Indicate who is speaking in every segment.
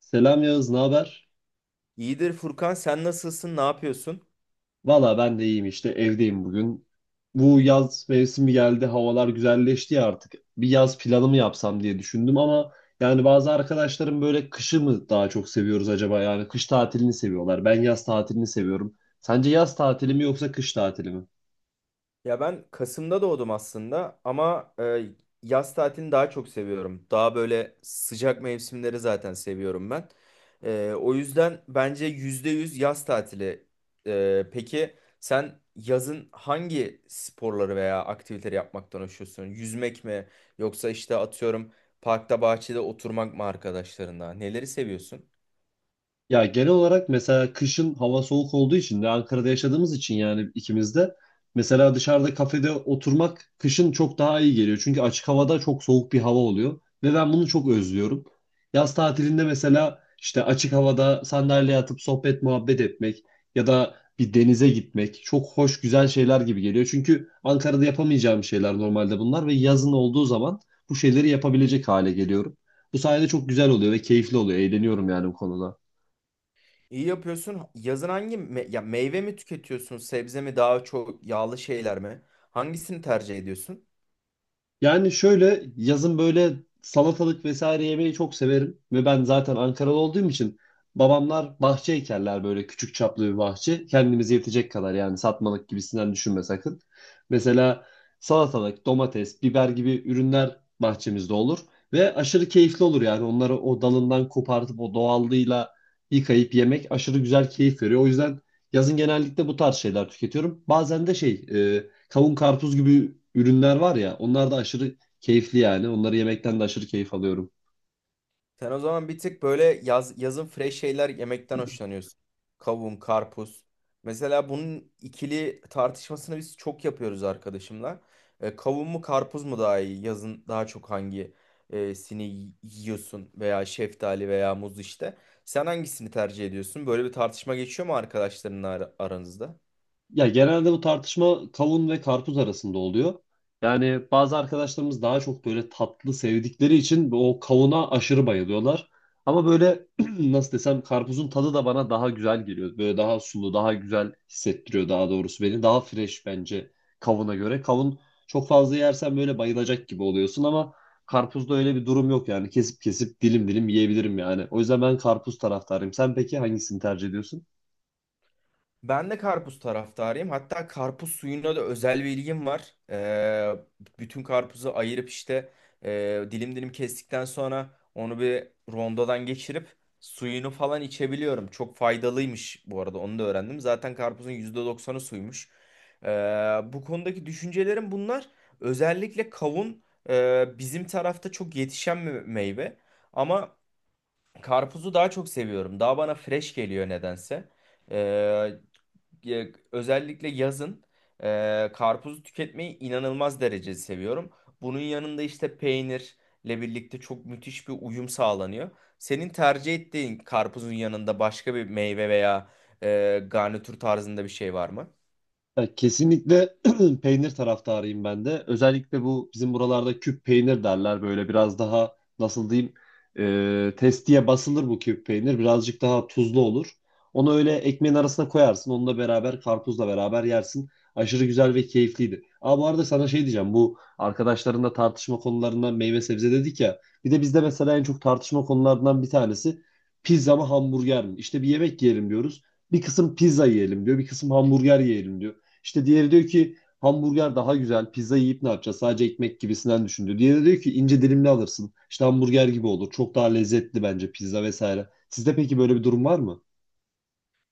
Speaker 1: Selam Yağız, ne haber?
Speaker 2: İyidir Furkan, sen nasılsın? Ne yapıyorsun?
Speaker 1: Valla ben de iyiyim işte evdeyim bugün. Bu yaz mevsimi geldi, havalar güzelleşti ya artık. Bir yaz planı mı yapsam diye düşündüm ama yani bazı arkadaşlarım böyle kışı mı daha çok seviyoruz acaba? Yani kış tatilini seviyorlar. Ben yaz tatilini seviyorum. Sence yaz tatili mi yoksa kış tatili mi?
Speaker 2: Ya ben Kasım'da doğdum aslında ama yaz tatilini daha çok seviyorum. Daha böyle sıcak mevsimleri zaten seviyorum ben. O yüzden bence %100 yaz tatili. Peki sen yazın hangi sporları veya aktiviteleri yapmaktan hoşlanıyorsun? Yüzmek mi yoksa işte atıyorum parkta bahçede oturmak mı arkadaşlarınla? Neleri seviyorsun?
Speaker 1: Ya genel olarak mesela kışın hava soğuk olduğu için de Ankara'da yaşadığımız için, yani ikimiz de, mesela dışarıda kafede oturmak kışın çok daha iyi geliyor. Çünkü açık havada çok soğuk bir hava oluyor ve ben bunu çok özlüyorum. Yaz tatilinde mesela işte açık havada sandalyeye atıp sohbet muhabbet etmek ya da bir denize gitmek çok hoş, güzel şeyler gibi geliyor. Çünkü Ankara'da yapamayacağım şeyler normalde bunlar ve yazın olduğu zaman bu şeyleri yapabilecek hale geliyorum. Bu sayede çok güzel oluyor ve keyifli oluyor. Eğleniyorum yani bu konuda.
Speaker 2: İyi yapıyorsun. Yazın ya meyve mi tüketiyorsun, sebze mi daha çok yağlı şeyler mi? Hangisini tercih ediyorsun?
Speaker 1: Yani şöyle, yazın böyle salatalık vesaire yemeyi çok severim ve ben zaten Ankaralı olduğum için babamlar bahçe ekerler, böyle küçük çaplı bir bahçe. Kendimize yetecek kadar, yani satmalık gibisinden düşünme sakın. Mesela salatalık, domates, biber gibi ürünler bahçemizde olur ve aşırı keyifli olur yani. Onları o dalından kopartıp o doğallığıyla yıkayıp yemek aşırı güzel, keyif veriyor. O yüzden yazın genellikle bu tarz şeyler tüketiyorum. Bazen de kavun, karpuz gibi ürünler var ya, onlar da aşırı keyifli yani. Onları yemekten de aşırı keyif alıyorum.
Speaker 2: Sen o zaman bir tık böyle yazın fresh şeyler yemekten hoşlanıyorsun. Kavun, karpuz. Mesela bunun ikili tartışmasını biz çok yapıyoruz arkadaşımla. Kavun mu karpuz mu daha iyi? Yazın daha çok hangi e, sini y- yiyorsun veya şeftali veya muz işte. Sen hangisini tercih ediyorsun? Böyle bir tartışma geçiyor mu arkadaşlarınla aranızda?
Speaker 1: Ya genelde bu tartışma kavun ve karpuz arasında oluyor. Yani bazı arkadaşlarımız daha çok böyle tatlı sevdikleri için o kavuna aşırı bayılıyorlar. Ama böyle nasıl desem, karpuzun tadı da bana daha güzel geliyor. Böyle daha sulu, daha güzel hissettiriyor, daha doğrusu beni. Daha fresh bence kavuna göre. Kavun çok fazla yersen böyle bayılacak gibi oluyorsun, ama karpuzda öyle bir durum yok yani. Kesip kesip dilim dilim yiyebilirim yani. O yüzden ben karpuz taraftarıyım. Sen peki hangisini tercih ediyorsun?
Speaker 2: Ben de karpuz taraftarıyım. Hatta karpuz suyuna da özel bir ilgim var. Bütün karpuzu ayırıp işte dilim dilim kestikten sonra onu bir rondodan geçirip suyunu falan içebiliyorum. Çok faydalıymış bu arada, onu da öğrendim. Zaten karpuzun yüzde doksanı suymuş. Ee, Bu konudaki düşüncelerim bunlar. Özellikle kavun bizim tarafta çok yetişen bir meyve. Ama karpuzu daha çok seviyorum. Daha bana fresh geliyor nedense. Ee, Özellikle yazın karpuzu tüketmeyi inanılmaz derecede seviyorum. Bunun yanında işte peynirle birlikte çok müthiş bir uyum sağlanıyor. Senin tercih ettiğin karpuzun yanında başka bir meyve veya garnitür tarzında bir şey var mı?
Speaker 1: Ya kesinlikle peynir taraftarıyım ben de. Özellikle bu bizim buralarda küp peynir derler. Böyle biraz daha, nasıl diyeyim, testiye basılır bu küp peynir. Birazcık daha tuzlu olur. Onu öyle ekmeğin arasına koyarsın. Onunla beraber, karpuzla beraber yersin. Aşırı güzel ve keyifliydi. Aa, bu arada sana şey diyeceğim. Bu arkadaşlarınla tartışma konularından meyve sebze dedik ya. Bir de bizde mesela en çok tartışma konularından bir tanesi pizza mı hamburger mi? İşte bir yemek yiyelim diyoruz. Bir kısım pizza yiyelim diyor, bir kısım hamburger yiyelim diyor. İşte diğeri diyor ki hamburger daha güzel, pizza yiyip ne yapacağız? Sadece ekmek gibisinden düşündü. Diğeri diyor ki ince dilimli alırsın, İşte hamburger gibi olur, çok daha lezzetli bence pizza vesaire. Sizde peki böyle bir durum var mı?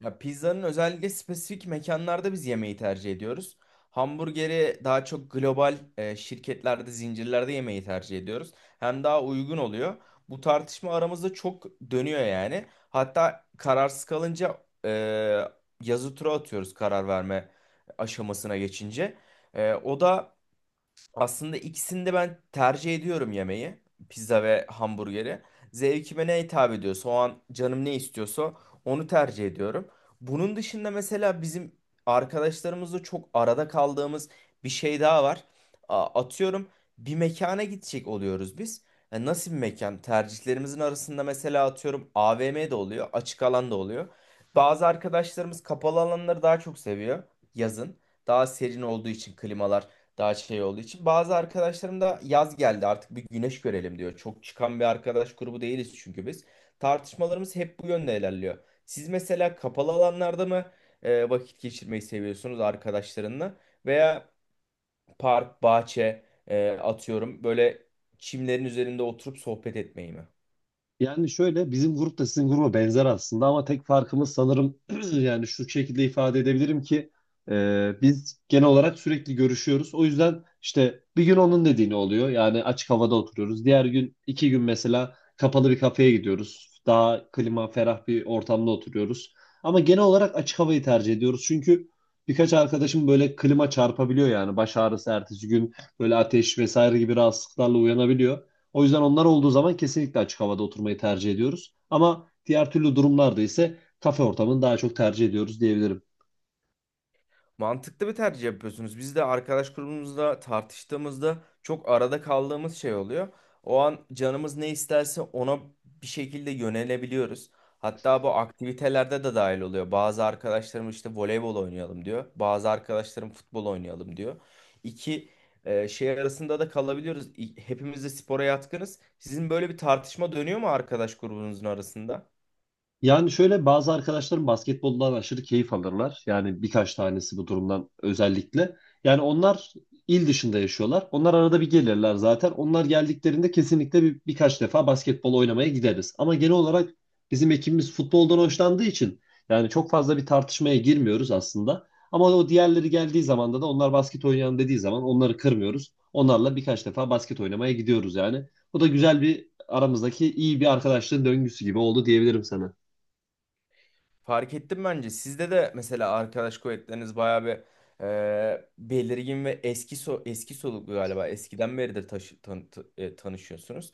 Speaker 2: Ya pizzanın özellikle spesifik mekanlarda biz yemeği tercih ediyoruz. Hamburgeri daha çok global şirketlerde, zincirlerde yemeği tercih ediyoruz. Hem daha uygun oluyor. Bu tartışma aramızda çok dönüyor yani. Hatta kararsız kalınca yazı tura atıyoruz karar verme aşamasına geçince. O da aslında, ikisini de ben tercih ediyorum yemeği. Pizza ve hamburgeri. Zevkime ne hitap ediyorsa, o an canım ne istiyorsa onu tercih ediyorum. Bunun dışında mesela bizim arkadaşlarımızla çok arada kaldığımız bir şey daha var. Atıyorum bir mekana gidecek oluyoruz biz. Nasıl bir mekan? Tercihlerimizin arasında mesela atıyorum AVM de oluyor, açık alan da oluyor. Bazı arkadaşlarımız kapalı alanları daha çok seviyor yazın. Daha serin olduğu için, klimalar daha şey olduğu için. Bazı arkadaşlarım da yaz geldi artık bir güneş görelim diyor. Çok çıkan bir arkadaş grubu değiliz çünkü biz. Tartışmalarımız hep bu yönde ilerliyor. Siz mesela kapalı alanlarda mı vakit geçirmeyi seviyorsunuz arkadaşlarınla? Veya park, bahçe, atıyorum böyle çimlerin üzerinde oturup sohbet etmeyi mi?
Speaker 1: Yani şöyle, bizim grup da sizin gruba benzer aslında, ama tek farkımız sanırım yani şu şekilde ifade edebilirim ki, biz genel olarak sürekli görüşüyoruz. O yüzden işte bir gün onun dediğini oluyor, yani açık havada oturuyoruz. Diğer gün iki gün mesela kapalı bir kafeye gidiyoruz, daha klima ferah bir ortamda oturuyoruz. Ama genel olarak açık havayı tercih ediyoruz. Çünkü birkaç arkadaşım böyle klima çarpabiliyor, yani baş ağrısı, ertesi gün böyle ateş vesaire gibi rahatsızlıklarla uyanabiliyor. O yüzden onlar olduğu zaman kesinlikle açık havada oturmayı tercih ediyoruz. Ama diğer türlü durumlarda ise kafe ortamını daha çok tercih ediyoruz diyebilirim.
Speaker 2: Mantıklı bir tercih yapıyorsunuz. Biz de arkadaş grubumuzda tartıştığımızda çok arada kaldığımız şey oluyor. O an canımız ne isterse ona bir şekilde yönelebiliyoruz. Hatta bu aktivitelerde de dahil oluyor. Bazı arkadaşlarım işte voleybol oynayalım diyor. Bazı arkadaşlarım futbol oynayalım diyor. İki şey arasında da kalabiliyoruz. Hepimiz de spora yatkınız. Sizin böyle bir tartışma dönüyor mu arkadaş grubunuzun arasında?
Speaker 1: Yani şöyle, bazı arkadaşlarım basketboldan aşırı keyif alırlar. Yani birkaç tanesi bu durumdan özellikle. Yani onlar il dışında yaşıyorlar, onlar arada bir gelirler zaten. Onlar geldiklerinde kesinlikle birkaç defa basketbol oynamaya gideriz. Ama genel olarak bizim ekibimiz futboldan hoşlandığı için yani çok fazla bir tartışmaya girmiyoruz aslında. Ama o diğerleri geldiği zaman da onlar basket oynayalım dediği zaman onları kırmıyoruz. Onlarla birkaç defa basket oynamaya gidiyoruz yani. Bu da güzel, bir aramızdaki iyi bir arkadaşlığın döngüsü gibi oldu diyebilirim sana.
Speaker 2: Fark ettim bence. Sizde de mesela arkadaş kuvvetleriniz bayağı bir belirgin ve eski soluklu galiba. Eskiden beridir tanışıyorsunuz.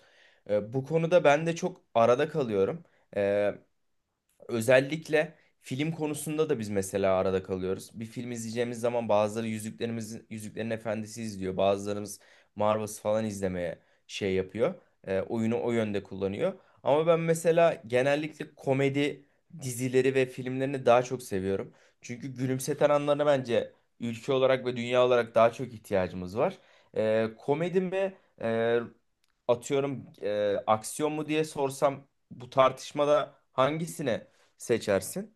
Speaker 2: Bu konuda ben de çok arada kalıyorum. E, Özellikle film konusunda da biz mesela arada kalıyoruz. Bir film izleyeceğimiz zaman bazıları Yüzüklerin Efendisi izliyor. Bazılarımız Marvel's falan izlemeye şey yapıyor. Oyunu o yönde kullanıyor. Ama ben mesela genellikle komedi dizileri ve filmlerini daha çok seviyorum. Çünkü gülümseten anlarına bence ülke olarak ve dünya olarak daha çok ihtiyacımız var. Komedi mi e, atıyorum aksiyon mu diye sorsam bu tartışmada hangisine seçersin.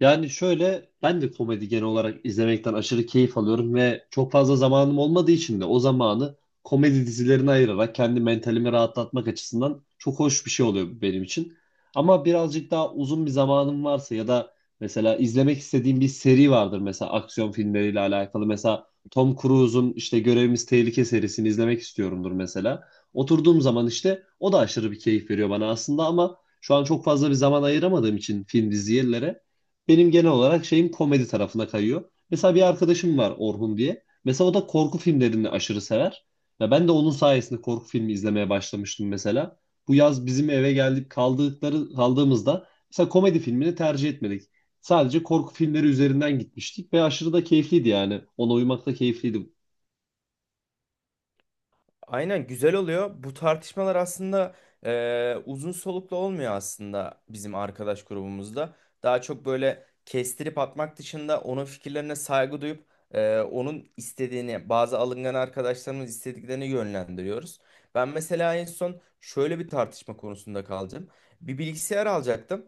Speaker 1: Yani şöyle, ben de komedi genel olarak izlemekten aşırı keyif alıyorum ve çok fazla zamanım olmadığı için de o zamanı komedi dizilerine ayırarak kendi mentalimi rahatlatmak açısından çok hoş bir şey oluyor benim için. Ama birazcık daha uzun bir zamanım varsa ya da mesela izlemek istediğim bir seri vardır, mesela aksiyon filmleriyle alakalı. Mesela Tom Cruise'un işte Görevimiz Tehlike serisini izlemek istiyorumdur mesela. Oturduğum zaman işte o da aşırı bir keyif veriyor bana aslında, ama şu an çok fazla bir zaman ayıramadığım için film dizilere benim genel olarak şeyim komedi tarafına kayıyor. Mesela bir arkadaşım var, Orhun diye. Mesela o da korku filmlerini aşırı sever. Ya ben de onun sayesinde korku filmi izlemeye başlamıştım mesela. Bu yaz bizim eve geldik, kaldığımızda mesela komedi filmini tercih etmedik. Sadece korku filmleri üzerinden gitmiştik ve aşırı da keyifliydi yani. Ona uymak da keyifliydi.
Speaker 2: Aynen, güzel oluyor. Bu tartışmalar aslında uzun soluklu olmuyor aslında bizim arkadaş grubumuzda. Daha çok böyle kestirip atmak dışında onun fikirlerine saygı duyup onun istediğini, bazı alıngan arkadaşlarımız istediklerini yönlendiriyoruz. Ben mesela en son şöyle bir tartışma konusunda kaldım. Bir bilgisayar alacaktım.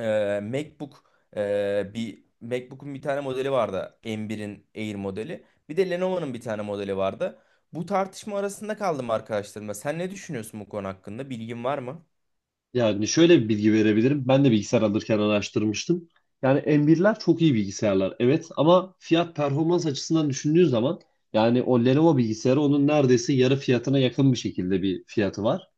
Speaker 2: e, MacBook Bir MacBook'un bir tane modeli vardı. M1'in Air modeli. Bir de Lenovo'nun bir tane modeli vardı. Bu tartışma arasında kaldım arkadaşlarımla. Sen ne düşünüyorsun bu konu hakkında? Bilgin var mı?
Speaker 1: Yani şöyle bir bilgi verebilirim. Ben de bilgisayar alırken araştırmıştım. Yani M1'ler çok iyi bilgisayarlar evet, ama fiyat performans açısından düşündüğün zaman yani o Lenovo bilgisayarı onun neredeyse yarı fiyatına yakın bir şekilde bir fiyatı var.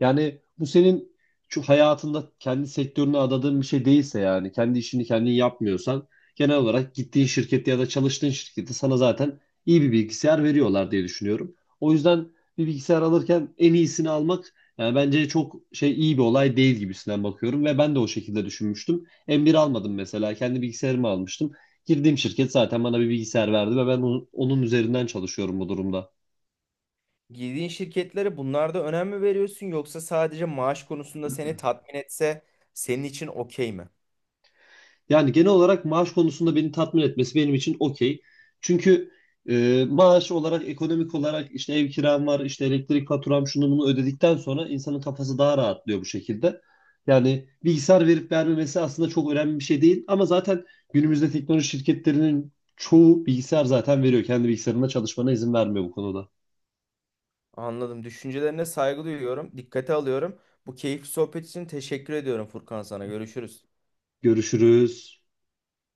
Speaker 1: Yani bu senin şu hayatında kendi sektörüne adadığın bir şey değilse, yani kendi işini kendin yapmıyorsan, genel olarak gittiğin şirkette ya da çalıştığın şirkette sana zaten iyi bir bilgisayar veriyorlar diye düşünüyorum. O yüzden bir bilgisayar alırken en iyisini almak yani bence çok şey, iyi bir olay değil gibisinden bakıyorum ve ben de o şekilde düşünmüştüm. M1 almadım mesela, kendi bilgisayarımı almıştım. Girdiğim şirket zaten bana bir bilgisayar verdi ve ben onun üzerinden çalışıyorum bu durumda.
Speaker 2: Girdiğin şirketlere bunlarda önem mi veriyorsun, yoksa sadece maaş konusunda seni tatmin etse senin için okey mi?
Speaker 1: Yani genel olarak maaş konusunda beni tatmin etmesi benim için okey. Çünkü maaş olarak, ekonomik olarak işte ev kiram var, işte elektrik faturam, şunu bunu ödedikten sonra insanın kafası daha rahatlıyor bu şekilde. Yani bilgisayar verip vermemesi aslında çok önemli bir şey değil. Ama zaten günümüzde teknoloji şirketlerinin çoğu bilgisayar zaten veriyor, kendi bilgisayarında çalışmana izin vermiyor bu konuda.
Speaker 2: Anladım. Düşüncelerine saygı duyuyorum. Dikkate alıyorum. Bu keyifli sohbet için teşekkür ediyorum Furkan sana. Görüşürüz.
Speaker 1: Görüşürüz.